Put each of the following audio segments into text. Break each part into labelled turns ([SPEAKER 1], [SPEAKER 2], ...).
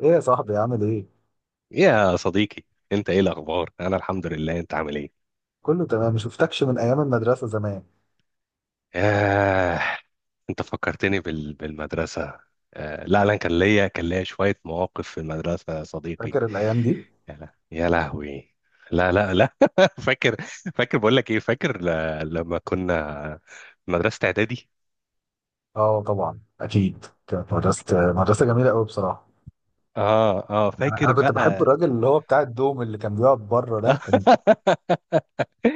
[SPEAKER 1] ايه يا صاحبي، عامل ايه؟
[SPEAKER 2] يا صديقي، انت ايه الاخبار؟ انا الحمد لله. انت عامل ايه؟
[SPEAKER 1] كله تمام، ما شفتكش من ايام المدرسة زمان.
[SPEAKER 2] آه، انت فكرتني بال... بالمدرسه. لا لا، كان ليا شويه مواقف في المدرسه يا صديقي.
[SPEAKER 1] فاكر الايام دي؟
[SPEAKER 2] يا لهوي. لا لا لا، فاكر. فاكر، بقول لك ايه، فاكر لما كنا في مدرسه اعدادي.
[SPEAKER 1] اه طبعا، اكيد كانت مدرسة جميلة قوي بصراحة.
[SPEAKER 2] اه اه،
[SPEAKER 1] انا
[SPEAKER 2] فاكر
[SPEAKER 1] كنت بحب
[SPEAKER 2] بقى.
[SPEAKER 1] الراجل اللي هو بتاع الدوم اللي كان بيقعد بره ده،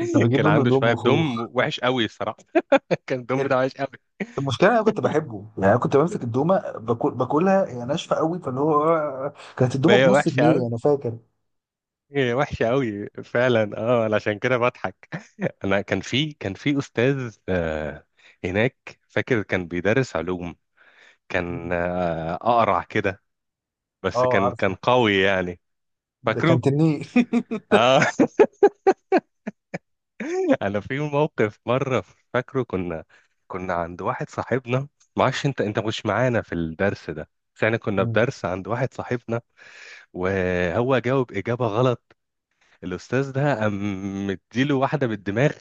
[SPEAKER 1] كنت بجيب
[SPEAKER 2] كان
[SPEAKER 1] منه
[SPEAKER 2] عنده
[SPEAKER 1] دوم
[SPEAKER 2] شويه
[SPEAKER 1] وخوخ.
[SPEAKER 2] دم وحش قوي الصراحه. كان الدم
[SPEAKER 1] ال-
[SPEAKER 2] بتاعه وحش قوي.
[SPEAKER 1] المشكلة انا كنت بحبه يعني، انا كنت بمسك الدومة، باكلها هي ناشفة قوي، فاللي هو كانت
[SPEAKER 2] ما
[SPEAKER 1] الدومة
[SPEAKER 2] هي
[SPEAKER 1] بنص
[SPEAKER 2] وحشه قوي،
[SPEAKER 1] جنيه، انا فاكر.
[SPEAKER 2] هي وحشه قوي فعلا. اه، أنا عشان كده بضحك. انا كان في استاذ هناك، فاكر كان بيدرس علوم. كان
[SPEAKER 1] مم.
[SPEAKER 2] اقرع كده، بس
[SPEAKER 1] اه
[SPEAKER 2] كان
[SPEAKER 1] عارفه،
[SPEAKER 2] كان قوي يعني.
[SPEAKER 1] ده كان
[SPEAKER 2] فاكره،
[SPEAKER 1] تنيه.
[SPEAKER 2] اه. انا في موقف مره، فاكره. كنا عند واحد صاحبنا، معرفش انت مش معانا في الدرس ده، بس احنا كنا في
[SPEAKER 1] مم.
[SPEAKER 2] درس عند واحد صاحبنا. وهو جاوب اجابه غلط، الاستاذ ده قام مديله واحده بالدماغ.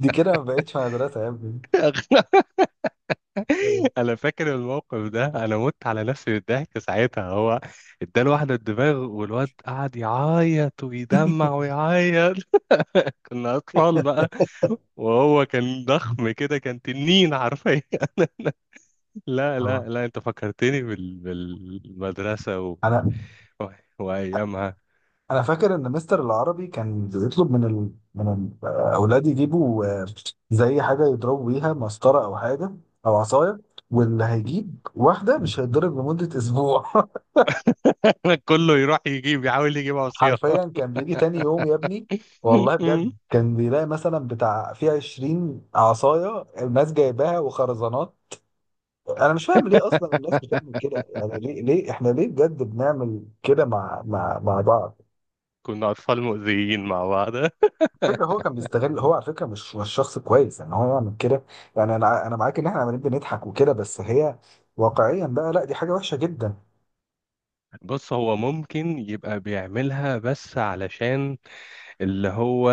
[SPEAKER 1] دي كده ما بقتش مدرسة يا ابني.
[SPEAKER 2] انا فاكر الموقف ده، انا مت على نفسي من الضحك ساعتها. هو اداله واحده الدماغ، والواد قعد يعيط ويدمع ويعيط. كنا اطفال بقى، وهو كان ضخم كده، كان تنين حرفيا. لا
[SPEAKER 1] اه،
[SPEAKER 2] لا لا، انت فكرتني بال... بالمدرسه و...
[SPEAKER 1] انا
[SPEAKER 2] و... وايامها.
[SPEAKER 1] انا فاكر ان مستر العربي كان بيطلب من من الاولاد يجيبوا زي حاجه يضربوا بيها، مسطره او حاجه او عصايه، واللي هيجيب واحده مش هيتضرب لمده اسبوع.
[SPEAKER 2] كله يروح يجيب، يحاول يجيب عصيان.
[SPEAKER 1] حرفيا كان بيجي تاني يوم يا ابني، والله بجد كان بيلاقي مثلا بتاع في 20 عصايه الناس جايباها، وخرزانات. انا مش فاهم ليه اصلا الناس بتعمل كده، يعني ليه احنا ليه بجد بنعمل كده مع بعض؟
[SPEAKER 2] كنا أطفال مؤذيين مع بعض.
[SPEAKER 1] فكرة هو كان بيستغل، هو على فكرة مش شخص كويس ان هو يعمل كده. يعني انا معاك ان احنا عمالين بنضحك وكده، بس هي واقعيا بقى لا، دي حاجة وحشة جدا.
[SPEAKER 2] بص، هو ممكن يبقى بيعملها بس علشان اللي هو،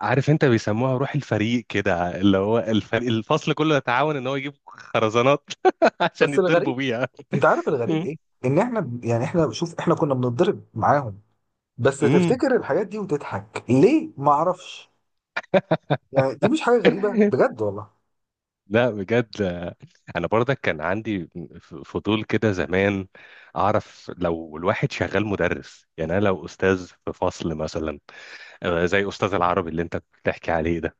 [SPEAKER 2] عارف، انت بيسموها روح الفريق كده، اللي هو الفريق، الفصل كله يتعاون ان هو يجيب خرزانات عشان
[SPEAKER 1] بس
[SPEAKER 2] يتضربوا
[SPEAKER 1] الغريب،
[SPEAKER 2] بيها.
[SPEAKER 1] انت عارف الغريب ايه؟ ان احنا يعني احنا شوف، احنا كنا بنتضرب معاهم، بس
[SPEAKER 2] امم.
[SPEAKER 1] تفتكر الحاجات دي وتضحك ليه؟ ما اعرفش، يعني دي مش حاجة غريبة، بجد والله.
[SPEAKER 2] لا بجد. انا برضك كان عندي فضول كده زمان، اعرف لو الواحد شغال مدرس. يعني انا لو استاذ في فصل مثلا، زي استاذ العربي اللي انت بتحكي عليه ده،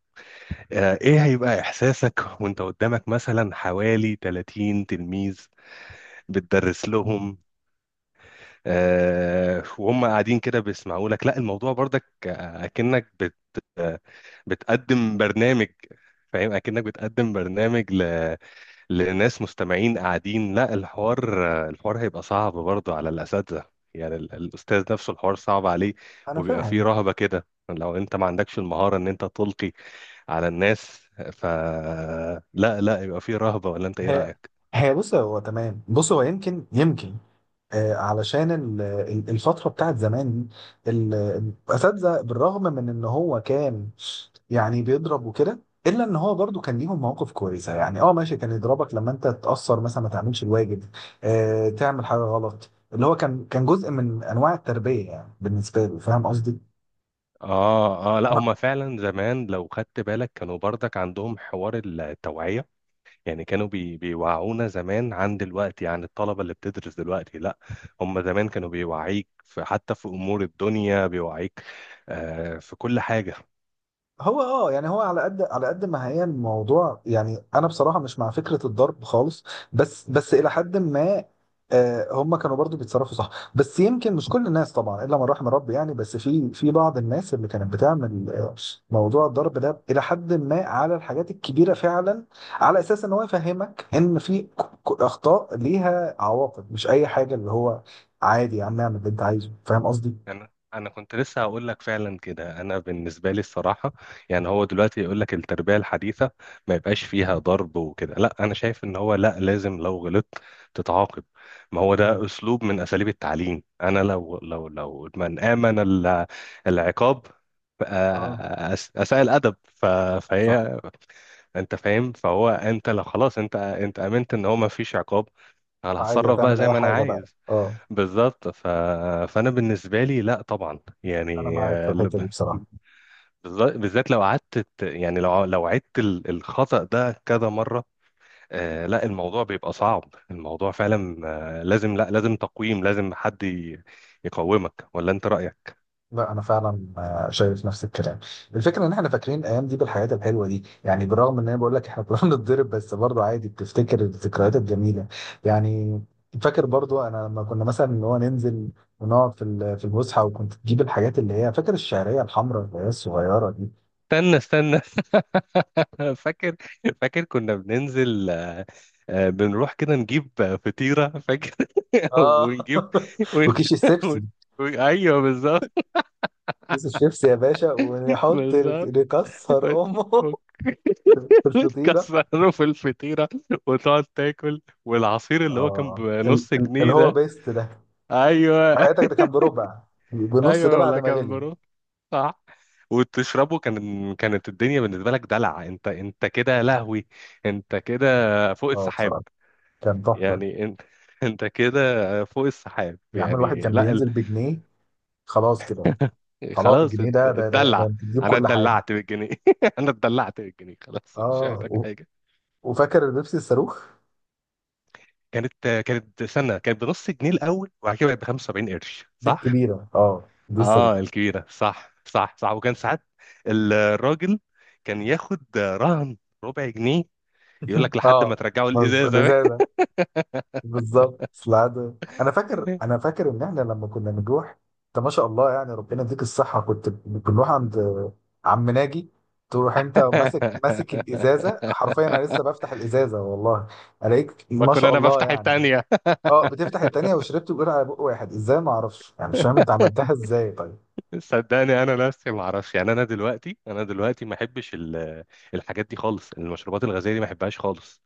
[SPEAKER 2] ايه هيبقى احساسك وانت قدامك مثلا حوالي 30 تلميذ بتدرس
[SPEAKER 1] مم.
[SPEAKER 2] لهم، وهم قاعدين كده بيسمعوا لك؟ لا، الموضوع برضك اكنك بت آه، بتقدم برنامج، فاهم؟ اكنك بتقدم برنامج لناس مستمعين قاعدين. لا، الحوار الحوار هيبقى صعب برضه على الاساتذه. يعني الاستاذ نفسه الحوار صعب عليه،
[SPEAKER 1] انا
[SPEAKER 2] وبيبقى فيه
[SPEAKER 1] فاهم.
[SPEAKER 2] رهبه كده لو انت ما عندكش المهاره ان انت تلقي على الناس. فلا لا لا، يبقى فيه رهبه، ولا انت ايه
[SPEAKER 1] هي
[SPEAKER 2] رايك؟
[SPEAKER 1] هي بص، هو تمام، بص هو يمكن علشان الفترة بتاعت زمان دي، الأساتذة بالرغم من إن هو كان يعني بيضرب وكده، إلا إن هو برضو كان ليهم مواقف كويسة. يعني أه ماشي، كان يضربك لما أنت تتأثر مثلا، ما تعملش الواجب، تعمل حاجة غلط، اللي هو كان جزء من أنواع التربية يعني بالنسبة له. فاهم قصدي؟
[SPEAKER 2] اه اه، لا، هما فعلا زمان لو خدت بالك كانوا برضك عندهم حوار التوعية. يعني كانوا بيوعونا زمان، عن دلوقتي، عن الطلبة اللي بتدرس دلوقتي، لا هما زمان كانوا بيوعيك في، حتى في امور الدنيا بيوعيك. في كل حاجة.
[SPEAKER 1] هو اه، يعني هو على قد على قد ما هي الموضوع، يعني انا بصراحه مش مع فكره الضرب خالص، بس الى حد ما. آه، هم كانوا برضو بيتصرفوا صح، بس يمكن مش كل الناس طبعا، الا من رحم ربي يعني. بس في بعض الناس اللي كانت بتعمل موضوع الضرب ده الى حد ما، على الحاجات الكبيره فعلا، على اساس ان هو يفهمك ان في اخطاء ليها عواقب، مش اي حاجه اللي هو عادي يا عم اعمل اللي انت عايزه. فاهم قصدي؟
[SPEAKER 2] انا انا كنت لسه هقول لك فعلا كده. انا بالنسبه لي الصراحه، يعني هو دلوقتي يقول لك التربيه الحديثه ما يبقاش فيها ضرب وكده، لا، انا شايف ان هو، لا، لازم لو غلطت تتعاقب. ما هو
[SPEAKER 1] مم.
[SPEAKER 2] ده اسلوب من اساليب التعليم. انا لو من امن العقاب،
[SPEAKER 1] اه
[SPEAKER 2] اساء الادب
[SPEAKER 1] صح.
[SPEAKER 2] فهي، انت فاهم؟ فهو انت لو خلاص، انت امنت ان هو ما فيش عقاب، انا
[SPEAKER 1] عادي
[SPEAKER 2] هتصرف بقى
[SPEAKER 1] هتعمل
[SPEAKER 2] زي
[SPEAKER 1] اي
[SPEAKER 2] ما انا
[SPEAKER 1] حاجه بقى.
[SPEAKER 2] عايز.
[SPEAKER 1] اه،
[SPEAKER 2] بالظبط. فانا بالنسبه لي لا طبعا،
[SPEAKER 1] انا
[SPEAKER 2] يعني
[SPEAKER 1] معاك في الحته دي بصراحه.
[SPEAKER 2] بالذات لو قعدت يعني لو عدت الخطأ ده كذا مره، لا الموضوع بيبقى صعب، الموضوع فعلا لازم، لا، لازم تقويم، لازم حد يقومك، ولا انت رأيك؟
[SPEAKER 1] لا انا فعلا شايف نفس الكلام. الفكره ان احنا فاكرين الايام دي بالحاجات الحلوه دي، يعني بالرغم ان انا بقول لك احنا كنا بنتضرب، بس برضو عادي بتفتكر الذكريات الجميله يعني. فاكر برضو انا لما كنا مثلا اللي هو ننزل ونقعد في في الفسحه، وكنت تجيب الحاجات اللي هي، فاكر الشعريه الحمراء اللي هي الصغيره دي؟
[SPEAKER 2] استنى استنى، فاكر. فاكر كنا بننزل، بنروح كده نجيب فطيرة، فاكر.
[SPEAKER 1] اه.
[SPEAKER 2] ونجيب ون...
[SPEAKER 1] وكيس
[SPEAKER 2] ون...
[SPEAKER 1] الشيبسي،
[SPEAKER 2] ايوه بالظبط.
[SPEAKER 1] كيس الشيبسي يا باشا، ونحط،
[SPEAKER 2] بالظبط
[SPEAKER 1] نكسر
[SPEAKER 2] وت-
[SPEAKER 1] امه
[SPEAKER 2] وت-
[SPEAKER 1] في الفطيره.
[SPEAKER 2] وتكسره في الفطيرة وتقعد تاكل. والعصير اللي هو كان
[SPEAKER 1] اه،
[SPEAKER 2] بنص
[SPEAKER 1] اللي
[SPEAKER 2] جنيه
[SPEAKER 1] هو
[SPEAKER 2] ده،
[SPEAKER 1] بيست ده،
[SPEAKER 2] ايوه.
[SPEAKER 1] وحياتك ده كان بربع، بنص ده
[SPEAKER 2] ايوه،
[SPEAKER 1] بعد
[SPEAKER 2] ولا
[SPEAKER 1] ما
[SPEAKER 2] كان
[SPEAKER 1] غلي.
[SPEAKER 2] بروح. صح، وتشربه. كانت الدنيا بالنسبة لك دلع. انت كده لهوي، انت كده فوق
[SPEAKER 1] اه
[SPEAKER 2] السحاب
[SPEAKER 1] بصراحه كان تحفه.
[SPEAKER 2] يعني. انت كده فوق السحاب
[SPEAKER 1] يا عم الواحد
[SPEAKER 2] يعني.
[SPEAKER 1] كان
[SPEAKER 2] لا
[SPEAKER 1] بينزل بجنيه، خلاص كده، خلاص
[SPEAKER 2] خلاص،
[SPEAKER 1] الجنيه ده
[SPEAKER 2] اتدلع.
[SPEAKER 1] انت تجيب
[SPEAKER 2] انا
[SPEAKER 1] كل حاجه.
[SPEAKER 2] اتدلعت بالجنيه. انا اتدلعت بالجنيه، خلاص مش
[SPEAKER 1] اه،
[SPEAKER 2] محتاج حاجة.
[SPEAKER 1] وفاكر البيبسي الصاروخ؟
[SPEAKER 2] كانت سنة كانت بنص جنيه الأول، وبعد كده بقت ب 75 قرش،
[SPEAKER 1] دي
[SPEAKER 2] صح؟
[SPEAKER 1] الكبيره، اه دي الصاروخ.
[SPEAKER 2] اه، الكبيرة، صح صح صح. وكان ساعات الراجل كان ياخد رهن ربع جنيه، يقول لك لحد
[SPEAKER 1] اه
[SPEAKER 2] ما ترجعوا
[SPEAKER 1] مظبوط،
[SPEAKER 2] الإزازة.
[SPEAKER 1] الازازه. بالظبط في العاده. انا فاكر انا فاكر ان احنا لما كنا بنروح، انت ما شاء الله يعني ربنا يديك الصحه، كنت بنروح عند عم ناجي، تروح انت ماسك الازازه حرفيا، انا لسه بفتح الازازه والله الاقيك
[SPEAKER 2] ما
[SPEAKER 1] ما
[SPEAKER 2] كنا
[SPEAKER 1] شاء
[SPEAKER 2] أنا
[SPEAKER 1] الله
[SPEAKER 2] بفتح
[SPEAKER 1] يعني.
[SPEAKER 2] التانية.
[SPEAKER 1] اه بتفتح التانيه وشربت، بتقول على بق واحد ازاي، ما اعرفش يعني، مش فاهم انت عملتها ازاي طيب.
[SPEAKER 2] صدقني انا نفسي ما اعرفش، يعني انا دلوقتي، ما احبش الحاجات دي خالص، المشروبات الغازيه دي ما احبهاش خالص.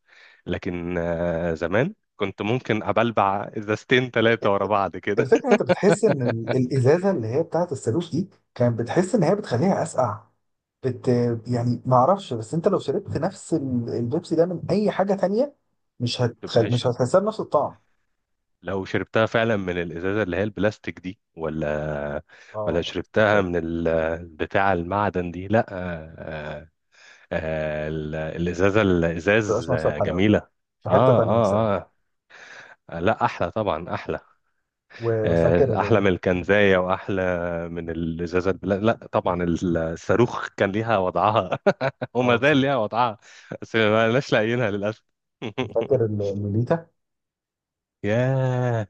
[SPEAKER 2] لكن زمان كنت ممكن ابلبع ازازتين ثلاثه ورا بعض كده.
[SPEAKER 1] الفكره إن انت بتحس ان الازازه اللي هي بتاعت الصاروخ دي، كانت بتحس ان هي بتخليها اسقع، بت يعني ما اعرفش، بس انت لو شربت نفس البيبسي ده من اي حاجه تانية،
[SPEAKER 2] ما تبقاش
[SPEAKER 1] مش هتحسها بنفس الطعم.
[SPEAKER 2] لو شربتها فعلا من الازازه اللي هي البلاستيك دي. ولا،
[SPEAKER 1] اه
[SPEAKER 2] ولا
[SPEAKER 1] لا، ما
[SPEAKER 2] شربتها
[SPEAKER 1] تبقاش.
[SPEAKER 2] من بتاع المعدن دي، لا، الازازه،
[SPEAKER 1] ما بتبقاش
[SPEAKER 2] الازاز
[SPEAKER 1] نفس
[SPEAKER 2] آه،
[SPEAKER 1] الحلاوه
[SPEAKER 2] جميله.
[SPEAKER 1] في حته
[SPEAKER 2] اه
[SPEAKER 1] تانية بصراحه.
[SPEAKER 2] اه اه، لا، احلى طبعا، احلى
[SPEAKER 1] وفاكر،
[SPEAKER 2] احلى من الكنزايه واحلى من الازازه البلاستيك. لا طبعا الصاروخ كان ليها وضعها، وما
[SPEAKER 1] اه
[SPEAKER 2] زال
[SPEAKER 1] بصراحه
[SPEAKER 2] ليها وضعها، بس ما لناش لاقيينها للاسف.
[SPEAKER 1] فاكر اللوليتا؟
[SPEAKER 2] ياه.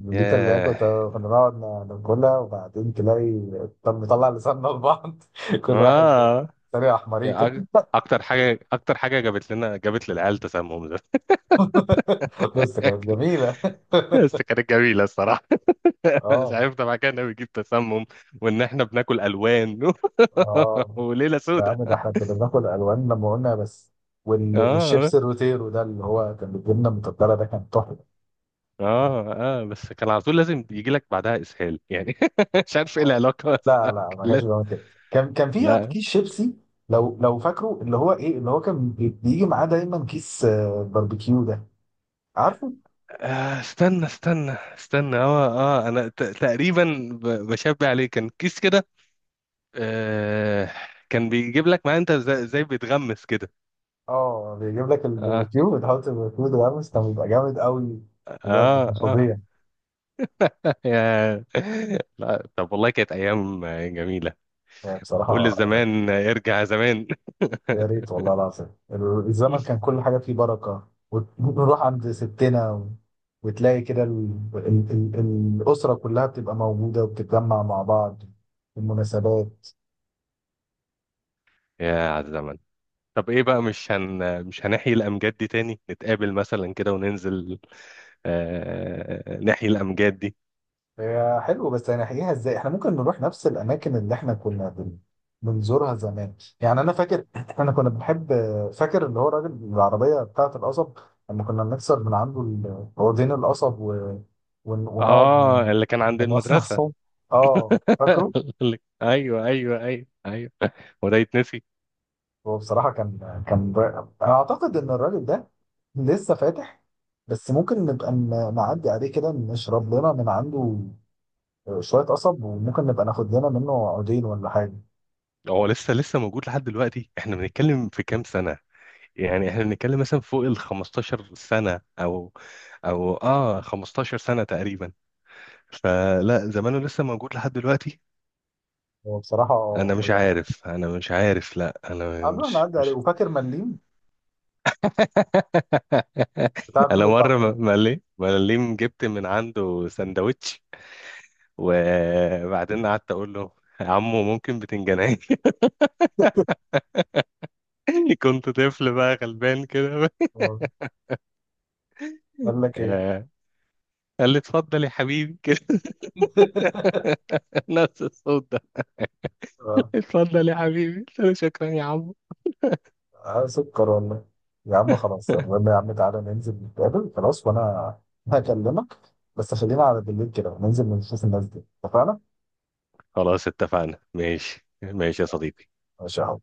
[SPEAKER 1] اللوليتا اللي هي
[SPEAKER 2] ياه،
[SPEAKER 1] كنا نقعد ناكلها، وبعدين تلاقي، طب نطلع لساننا لبعض، كل واحد
[SPEAKER 2] اه.
[SPEAKER 1] طريقه احمريكا.
[SPEAKER 2] أك- اكتر حاجه، اكتر حاجه جابت لنا، جابت للعيال تسمم ده.
[SPEAKER 1] بس كانت جميله.
[SPEAKER 2] بس كانت جميله الصراحه. مش
[SPEAKER 1] اه،
[SPEAKER 2] عارف طبعا كان بيجيب تسمم، وان احنا بناكل الوان.
[SPEAKER 1] اه.
[SPEAKER 2] وليله
[SPEAKER 1] يا
[SPEAKER 2] سودة.
[SPEAKER 1] عم ده احنا كنا بناكل الوان، لما قلنا بس.
[SPEAKER 2] اه
[SPEAKER 1] والشيبس الروتيرو ده اللي هو كان بالجبنه المتبله ده، كان تحفه.
[SPEAKER 2] اه اه، بس كان على طول لازم يجي لك بعدها اسهال يعني. مش عارف ايه
[SPEAKER 1] اه
[SPEAKER 2] العلاقه، بس
[SPEAKER 1] لا
[SPEAKER 2] كان
[SPEAKER 1] لا، ما كانش بيعمل كده، كان في
[SPEAKER 2] لا.
[SPEAKER 1] كيس شيبسي لو فاكره، اللي هو ايه، اللي هو كان بيجي معاه دايما كيس باربيكيو ده، عارفه؟
[SPEAKER 2] استنى استنى استنى، اه. اه، انا تقريبا بشبه عليه، كان كيس كده. آه كان بيجيب لك معاه انت زي بيتغمس كده.
[SPEAKER 1] اه، بيجيب لك
[SPEAKER 2] اه
[SPEAKER 1] الباربيكيو، وتحط الباربيكيو ده، بس كان بيبقى جامد قوي، بجد
[SPEAKER 2] اه
[SPEAKER 1] كان
[SPEAKER 2] اه.
[SPEAKER 1] فظيع.
[SPEAKER 2] يا، لا، طب والله كانت ايام جميله.
[SPEAKER 1] يعني
[SPEAKER 2] قول
[SPEAKER 1] بصراحه
[SPEAKER 2] للزمان ارجع زمان.
[SPEAKER 1] يا ريت والله العظيم، الزمن كان كل حاجة فيه بركة، ونروح عند ستنا وتلاقي كده الأسرة كلها بتبقى موجودة وبتتجمع مع بعض في المناسبات.
[SPEAKER 2] يا على الزمن. طب ايه بقى، مش هنحيي الامجاد دي تاني؟ نتقابل مثلا كده وننزل ناحية الأمجاد دي.
[SPEAKER 1] هي حلو، بس هنحكيها ازاي؟ احنا ممكن نروح نفس الأماكن اللي احنا كنا بنزورها زمان. يعني أنا فاكر، احنا كنا بنحب، فاكر اللي هو راجل العربية بتاعة القصب؟ لما كنا بنكسر من عنده عودين القصب، ونقعد من
[SPEAKER 2] اه، اللي كان عند
[SPEAKER 1] من
[SPEAKER 2] المدرسة.
[SPEAKER 1] مصمصهم. اه فاكره.
[SPEAKER 2] ايوه ايوه ايوه ايوه، هو ده يتنسي؟
[SPEAKER 1] هو بصراحة كان رائع. أنا أعتقد إن الراجل ده لسه فاتح، بس ممكن نبقى نعدي عليه كده، نشرب لنا من عنده شوية قصب، وممكن نبقى ناخد لنا منه عودين ولا حاجة.
[SPEAKER 2] هو لسه موجود لحد دلوقتي. احنا بنتكلم في كام سنة، يعني احنا بنتكلم مثلا فوق ال 15 سنة، او او 15 سنة تقريبا. فلا زمانه لسه موجود لحد دلوقتي.
[SPEAKER 1] هو بصراحة
[SPEAKER 2] انا مش
[SPEAKER 1] يعني
[SPEAKER 2] عارف، انا مش عارف، لا انا
[SPEAKER 1] قبل ما
[SPEAKER 2] مش
[SPEAKER 1] نعدي عليه،
[SPEAKER 2] مش
[SPEAKER 1] وفاكر مليم بتاع الفول
[SPEAKER 2] انا مرة
[SPEAKER 1] والطعمية؟
[SPEAKER 2] مليم جبت من عنده سندوتش، وبعدين قعدت اقول له: يا عمو ممكن بتنجانيه؟ كنت طفل بقى غلبان كده.
[SPEAKER 1] آه. قال لك إيه؟
[SPEAKER 2] آه، قال لي: اتفضل يا حبيبي، كده، نفس الصوت ده.
[SPEAKER 1] آه.
[SPEAKER 2] اتفضل يا حبيبي. قلت له: شكرا يا عمو.
[SPEAKER 1] آه، سكر والله. يا عم خلاص، المهم يا عم تعالى ننزل نتقابل خلاص، وأنا هكلمك، بس خلينا على بالليل كده وننزل نشوف الناس دي. اتفقنا؟
[SPEAKER 2] خلاص اتفقنا، ماشي ماشي يا صديقي.
[SPEAKER 1] ماشي يا عم.